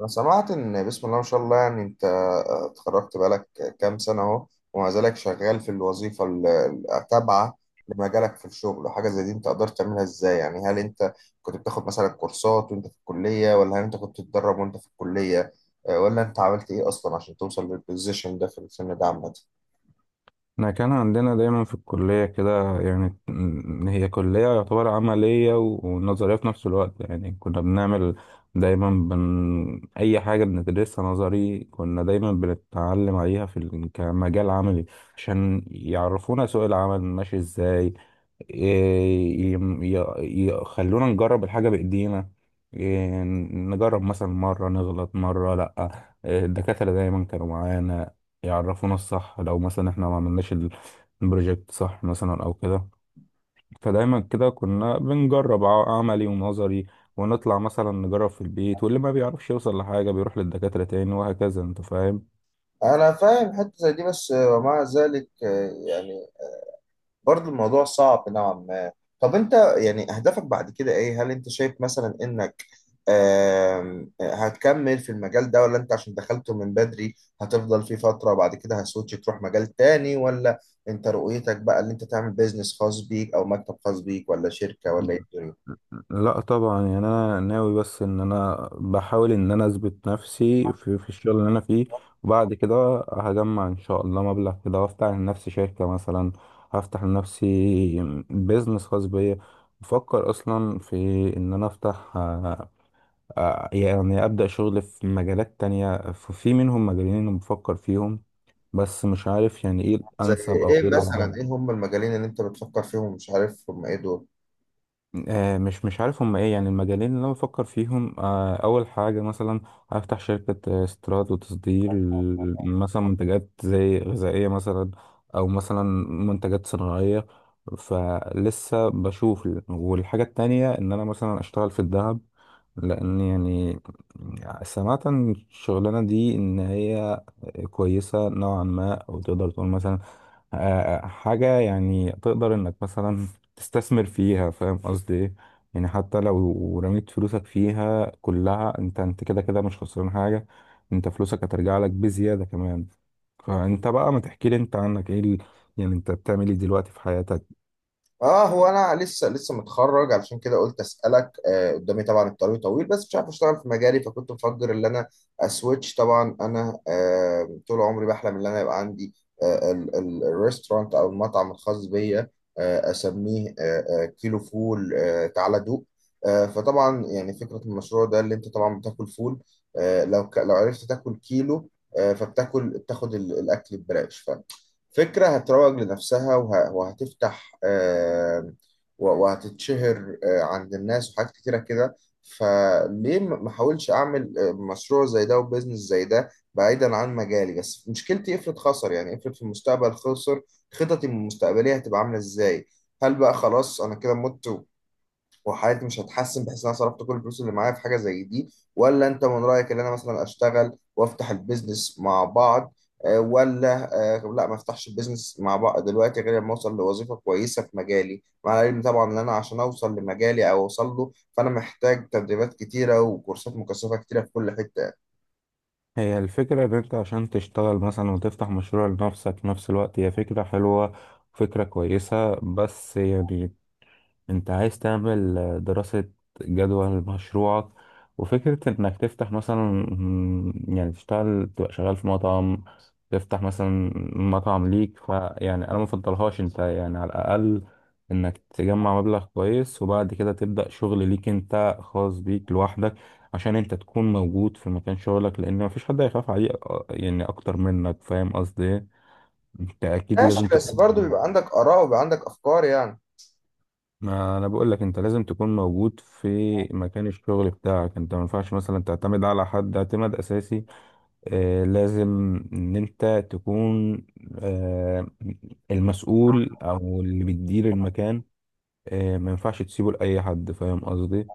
أنا سمعت إن بسم الله ما شاء الله يعني أنت اتخرجت بقالك كام سنة أهو، ومع ذلك شغال في الوظيفة التابعة لمجالك في الشغل وحاجة زي دي أنت قدرت تعملها إزاي؟ يعني هل أنت كنت بتاخد مثلا كورسات وأنت في الكلية، ولا هل أنت كنت بتتدرب وأنت في الكلية، ولا أنت عملت إيه أصلا عشان توصل للبوزيشن ده في السن ده عامة؟ احنا كان عندنا دايما في الكلية كده، يعني هي كلية يعتبر عملية ونظرية في نفس الوقت. يعني كنا بنعمل دايما أي حاجة بندرسها نظري، كنا دايما بنتعلم عليها في كمجال عملي عشان يعرفونا سوق العمل ماشي ازاي. ي- ي- يخلونا نجرب الحاجة بإيدينا. إيه، نجرب مثلا مرة نغلط مرة لأ. إيه، الدكاترة دايما كانوا معانا يعرفونا الصح لو مثلا احنا ما عملناش البروجكت صح مثلا أو كده. فدايما كده كنا بنجرب عملي ونظري، ونطلع مثلا نجرب في البيت، واللي ما بيعرفش يوصل لحاجة بيروح للدكاترة تاني وهكذا. انت فاهم؟ أنا فاهم حتة زي دي، بس ومع ذلك يعني برضه الموضوع صعب نوعا ما. طب انت يعني اهدافك بعد كده ايه؟ هل انت شايف مثلا انك هتكمل في المجال ده، ولا انت عشان دخلته من بدري هتفضل فيه فترة وبعد كده هسويتش تروح مجال تاني، ولا انت رؤيتك بقى ان انت تعمل بيزنس خاص بيك او مكتب خاص بيك ولا شركة ولا ايه الدنيا؟ لا طبعا، يعني انا ناوي بس ان انا بحاول ان انا اثبت نفسي في الشغل اللي انا فيه، وبعد كده هجمع ان شاء الله مبلغ كده وافتح لنفسي شركة مثلا، هفتح لنفسي بيزنس خاص بيا. بفكر اصلا في ان انا افتح يعني ابدا شغل في مجالات تانية، في منهم مجالين انا بفكر فيهم بس مش عارف يعني ايه زي الانسب او ايه ايه الافضل. مثلا؟ ايه هم المجالين اللي انت بتفكر فيهم ومش عارف هم ايه دول؟ مش عارف هم ايه. يعني المجالين اللي انا بفكر فيهم، اول حاجه مثلا هفتح شركه استيراد وتصدير مثلا منتجات زي غذائيه مثلا، او مثلا منتجات صناعيه، فلسه بشوف. والحاجه التانية ان انا مثلا اشتغل في الذهب، لان يعني سمعت عن الشغلانه دي ان هي كويسه نوعا ما، او تقدر تقول مثلا آه، حاجة يعني تقدر انك مثلا تستثمر فيها. فاهم قصدي ايه؟ يعني حتى لو رميت فلوسك فيها كلها انت كده كده مش خسران حاجة، انت فلوسك هترجع لك بزيادة كمان. فانت بقى ما تحكي لي انت عنك ايه يعني انت بتعمل ايه دلوقتي في حياتك؟ اه، هو انا لسه متخرج، علشان كده قلت اسالك. قدامي طبعا الطريق طويل، بس مش عارف اشتغل في مجالي، فكنت مفكر ان انا اسويتش. طبعا انا طول عمري بحلم ان انا يبقى عندي الريستورانت او المطعم الخاص بيا. اسميه كيلو فول، تعالى دوق. فطبعا يعني فكره المشروع ده، اللي انت طبعا بتاكل فول، لو لو عرفت تاكل كيلو، فبتاكل بتاخد الاكل ببلاش. فكرة هتروج لنفسها وهتفتح، وهتتشهر عند الناس وحاجات كتيرة كده. فليه ما احاولش أعمل مشروع زي ده وبزنس زي ده بعيدا عن مجالي؟ بس مشكلتي، افرض خسر، يعني افرض في المستقبل خسر، خططي المستقبلية هتبقى عاملة ازاي؟ هل بقى خلاص أنا كده مت وحياتي مش هتحسن بحيث ان انا صرفت كل الفلوس اللي معايا في حاجه زي دي؟ ولا انت من رايك ان انا مثلا اشتغل وافتح البيزنس مع بعض، ولا لا، ما افتحش البيزنس مع بعض دلوقتي غير لما اوصل لوظيفه كويسه في مجالي؟ مع العلم طبعا ان انا عشان اوصل لمجالي او اوصل له فانا محتاج تدريبات كتيره وكورسات مكثفه كتيره في كل حته. هي الفكرة ان انت عشان تشتغل مثلا وتفتح مشروع لنفسك في نفس الوقت هي فكرة حلوة، فكرة كويسة، بس يعني انت عايز تعمل دراسة جدوى لمشروعك. وفكرة انك تفتح مثلا يعني تشتغل تبقى شغال في مطعم، تفتح مثلا مطعم ليك، فيعني انا مفضلهاش. انت يعني على الاقل انك تجمع مبلغ كويس وبعد كده تبدأ شغل ليك انت خاص بيك لوحدك، عشان انت تكون موجود في مكان شغلك، لان مفيش حد هيخاف عليه يعني اكتر منك. فاهم قصدي إيه؟ انت اكيد لازم ماشي، بس تكون برضه موجود. بيبقى عندك اراء وبيبقى عندك افكار يعني. ما انا بقول لك انت لازم تكون موجود في مكان الشغل بتاعك، انت ما ينفعش مثلا تعتمد على حد اعتماد اساسي. آه، لازم ان انت تكون آه المسؤول او اللي بتدير المكان. آه، ما ينفعش تسيبه لاي حد، فاهم قصدي؟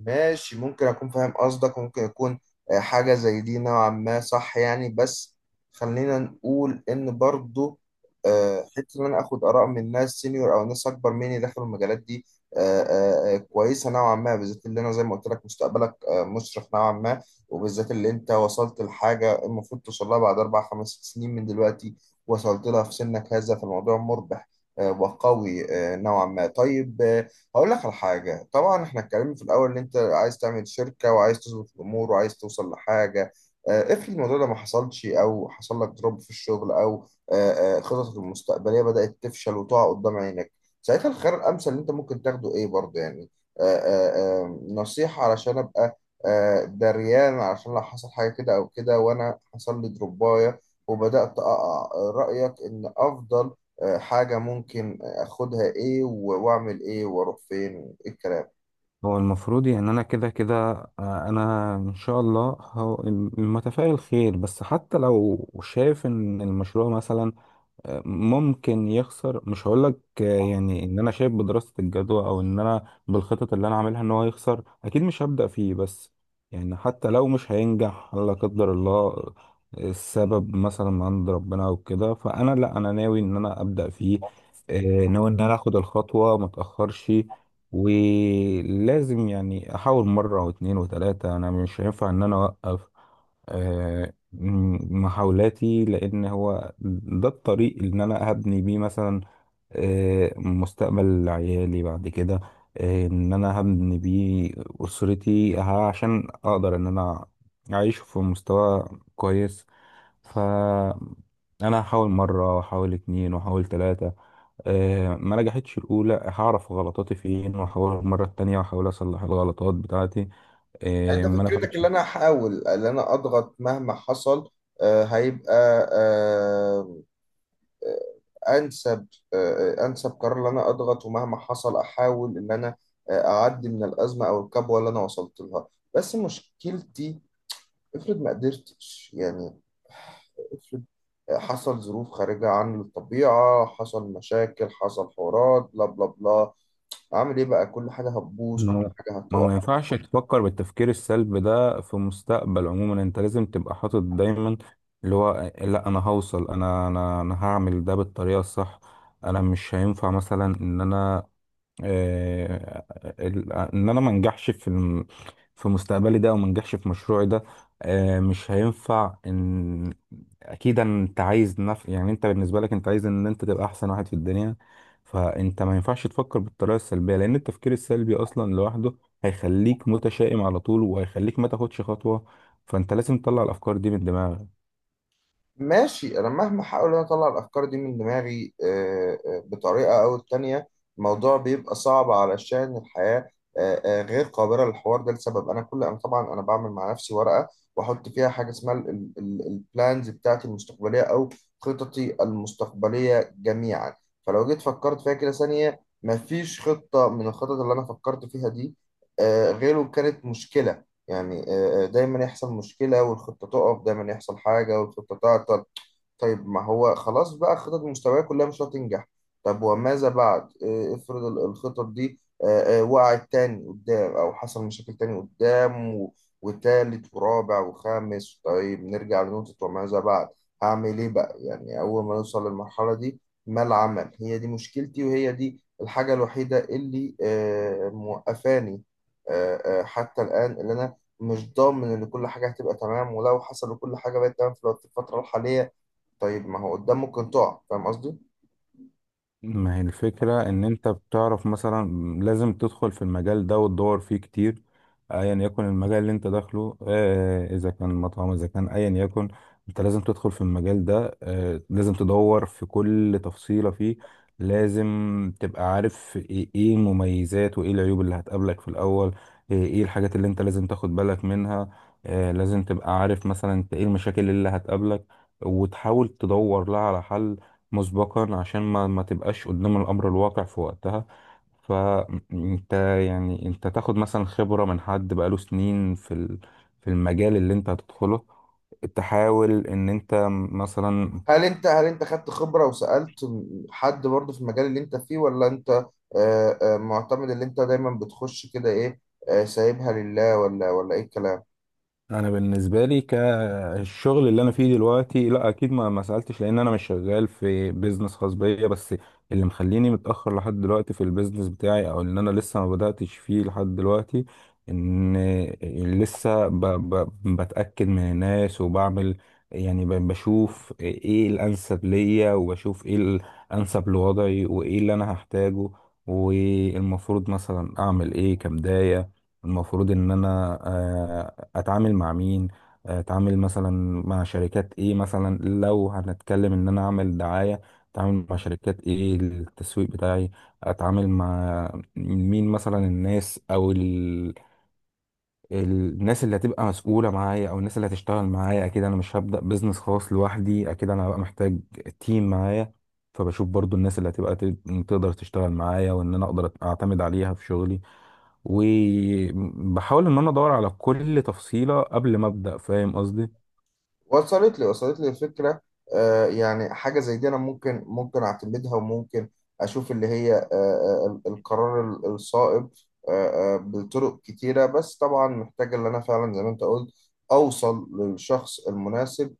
ماشي، ممكن اكون فاهم قصدك، ممكن يكون حاجة زي دي نوعا ما صح يعني، بس خلينا نقول ان برضو حتة ان انا اخد اراء من ناس سينيور او ناس اكبر مني داخل المجالات دي كويسة نوعا ما، بالذات اللي انا زي ما قلت لك مستقبلك مشرق نوعا ما، وبالذات اللي انت وصلت لحاجة المفروض توصل لها بعد اربع خمس سنين من دلوقتي، وصلت لها في سنك هذا، فالموضوع مربح وقوي نوعا ما. طيب، هقول لك على حاجة. طبعا احنا اتكلمنا في الأول إن أنت عايز تعمل شركة وعايز تظبط الأمور وعايز توصل لحاجة. افرض الموضوع ده ما حصلش، أو حصل لك دروب في الشغل، أو خططك المستقبلية بدأت تفشل وتقع قدام عينك، ساعتها الخيار الأمثل اللي أنت ممكن تاخده إيه برضه يعني؟ نصيحة علشان أبقى دريان، علشان لو حصل حاجة كده أو كده وأنا حصل لي دروباية وبدأت أقع، رأيك إن أفضل حاجة ممكن اخدها ايه، واعمل ايه، واروح فين، وايه الكلام. هو المفروض يعني انا كده كده انا ان شاء الله متفائل خير، بس حتى لو شايف ان المشروع مثلا ممكن يخسر، مش هقولك يعني ان انا شايف بدراسة الجدوى او ان انا بالخطط اللي انا عاملها ان هو يخسر اكيد مش هبدأ فيه. بس يعني حتى لو مش هينجح لا قدر الله، السبب مثلا من عند ربنا او كده، فانا لا، انا ناوي ان انا ابدأ فيه، ناوي ان انا اخد الخطوة ما اتأخرش. ولازم يعني احاول مرة واتنين وتلاتة، انا مش هينفع ان انا اوقف آه، محاولاتي، لان هو ده الطريق اللي انا هبني بيه مثلا مستقبل عيالي بعد كده، ان انا هبني بيه اسرتي، عشان اقدر ان انا اعيش في مستوى كويس. ف انا هحاول مره واحاول اتنين واحاول تلاته، ما نجحتش الاولى هعرف غلطاتي فين واحاول المره التانيه واحاول اصلح الغلطات بتاعتي يعني انت ما فكرتك نفعتش. اللي انا هحاول اللي انا اضغط مهما حصل هيبقى آه، انسب انسب قرار، ان انا اضغط ومهما حصل احاول ان انا اعدي من الازمه او الكبوه اللي انا وصلت لها. بس مشكلتي، افرض ما قدرتش يعني، افرض حصل ظروف خارجة عن الطبيعة، حصل مشاكل، حصل حوارات بلا بلا بلا، اعمل ايه بقى؟ كل حاجه هتبوظ، ما كل هو حاجه ما هو هتقع. ما ينفعش تفكر بالتفكير السلبي ده في مستقبل عموما، انت لازم تبقى حاطط دايما اللي هو لا، انا هوصل، انا هعمل ده بالطريقه الصح. انا مش هينفع مثلا ان انا آه، ان انا ما انجحش في في مستقبلي ده، او ما انجحش في مشروعي ده. مش هينفع ان اكيد انت عايز يعني انت بالنسبه لك انت عايز ان انت تبقى احسن واحد في الدنيا، فانت ما ينفعش تفكر بالطريقه السلبيه، لان التفكير السلبي اصلا لوحده هيخليك متشائم على طول وهيخليك ما تاخدش خطوه، فانت لازم تطلع الافكار دي من دماغك. ماشي، انا مهما احاول ان أنا اطلع الافكار دي من دماغي بطريقه او التانية، الموضوع بيبقى صعب علشان الحياه غير قابله للحوار ده، لسبب انا كل انا طبعا انا بعمل مع نفسي ورقه واحط فيها حاجه اسمها البلانز بتاعتي المستقبليه او خططي المستقبليه جميعا. فلو جيت فكرت فيها كده ثانيه، مفيش خطه من الخطط اللي انا فكرت فيها دي غيره كانت مشكله. يعني دايما يحصل مشكلة والخطة تقف، دايما يحصل حاجة والخطة تعطل. طيب، ما هو خلاص بقى الخطط المستوية كلها مش هتنجح. طب وماذا بعد؟ افرض الخطط دي وقعت تاني قدام، او حصل مشاكل تاني قدام وتالت ورابع وخامس. طيب نرجع لنقطة وماذا بعد، هعمل ايه بقى يعني اول ما نوصل للمرحلة دي؟ ما العمل؟ هي دي مشكلتي، وهي دي الحاجة الوحيدة اللي موقفاني حتى الآن، اللي انا مش ضامن ان كل حاجة هتبقى تمام. ولو حصل وكل حاجة بقت تمام في في الفترة الحالية، طيب ما هو قدام ممكن تقع، فاهم قصدي؟ ما هي الفكرة إن أنت بتعرف مثلا لازم تدخل في المجال ده وتدور فيه كتير، أيا يكن المجال اللي أنت داخله، إذا كان مطعم إذا كان أيا يكن، أنت لازم تدخل في المجال ده، لازم تدور في كل تفصيلة فيه، لازم تبقى عارف إيه إيه المميزات وإيه العيوب اللي هتقابلك في الأول، إيه إيه الحاجات اللي أنت لازم تاخد بالك منها، لازم تبقى عارف مثلا أنت إيه المشاكل اللي هتقابلك وتحاول تدور لها على حل مسبقا عشان ما تبقاش قدام الأمر الواقع في وقتها. فأنت يعني أنت تاخد مثلا خبرة من حد بقاله سنين في في المجال اللي أنت هتدخله، تحاول إن أنت مثلا هل انت، هل انت خدت خبرة وسألت حد برضه في المجال اللي انت فيه، ولا انت معتمد اللي انت دايما بتخش كده ايه سايبها لله، ولا ولا ايه الكلام؟ انا بالنسبه لي كالشغل اللي انا فيه دلوقتي لا اكيد ما سالتش لان انا مش شغال في بيزنس خاص بيا. بس اللي مخليني متاخر لحد دلوقتي في البيزنس بتاعي او ان انا لسه ما بداتش فيه لحد دلوقتي ان لسه ب ب بتاكد من الناس وبعمل، يعني بشوف ايه الانسب ليا، وبشوف ايه الانسب لوضعي، وايه اللي انا هحتاجه، والمفروض مثلا اعمل ايه كبدايه. المفروض ان انا اتعامل مع مين، اتعامل مثلا مع شركات ايه، مثلا لو هنتكلم ان انا اعمل دعاية اتعامل مع شركات ايه للتسويق بتاعي، اتعامل مع مين مثلا، الناس او الناس اللي هتبقى مسؤولة معايا، او الناس اللي هتشتغل معايا. اكيد انا مش هبدأ بيزنس خاص لوحدي، اكيد انا هبقى محتاج تيم معايا، فبشوف برضو الناس اللي هتبقى تقدر تشتغل معايا وان انا اقدر اعتمد عليها في شغلي، وبحاول ان انا ادور على كل تفصيلة قبل ما ابدأ. فاهم قصدي؟ وصلت لي، وصلت لي الفكرة. يعني حاجة زي دي انا ممكن اعتمدها، وممكن اشوف اللي هي القرار الصائب بطرق كتيرة، بس طبعا محتاج اللي انا فعلا زي ما انت قلت اوصل للشخص المناسب.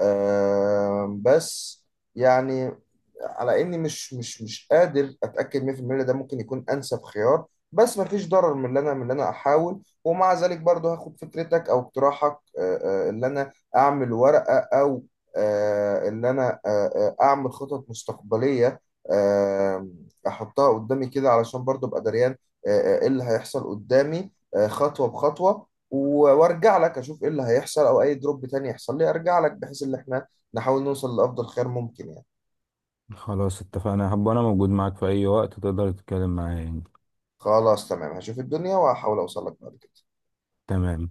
بس يعني، على اني مش قادر اتاكد 100% إن ده ممكن يكون انسب خيار، بس مفيش ضرر من اللي انا، من اللي انا احاول. ومع ذلك برضه هاخد فكرتك او اقتراحك اللي انا اعمل ورقه، او اللي انا اعمل خطط مستقبليه آه، احطها قدامي كده علشان برضه ابقى دريان ايه اللي هيحصل قدامي خطوه بخطوه، وارجع لك اشوف ايه اللي هيحصل، او اي دروب تاني يحصل لي ارجع لك، بحيث ان احنا نحاول نوصل لافضل خير ممكن يعني. خلاص اتفقنا، هبقى انا موجود معاك في اي وقت، تقدر تتكلم معايا يعني. خلاص تمام، هشوف الدنيا وهحاول اوصل لك بعد كده. تمام.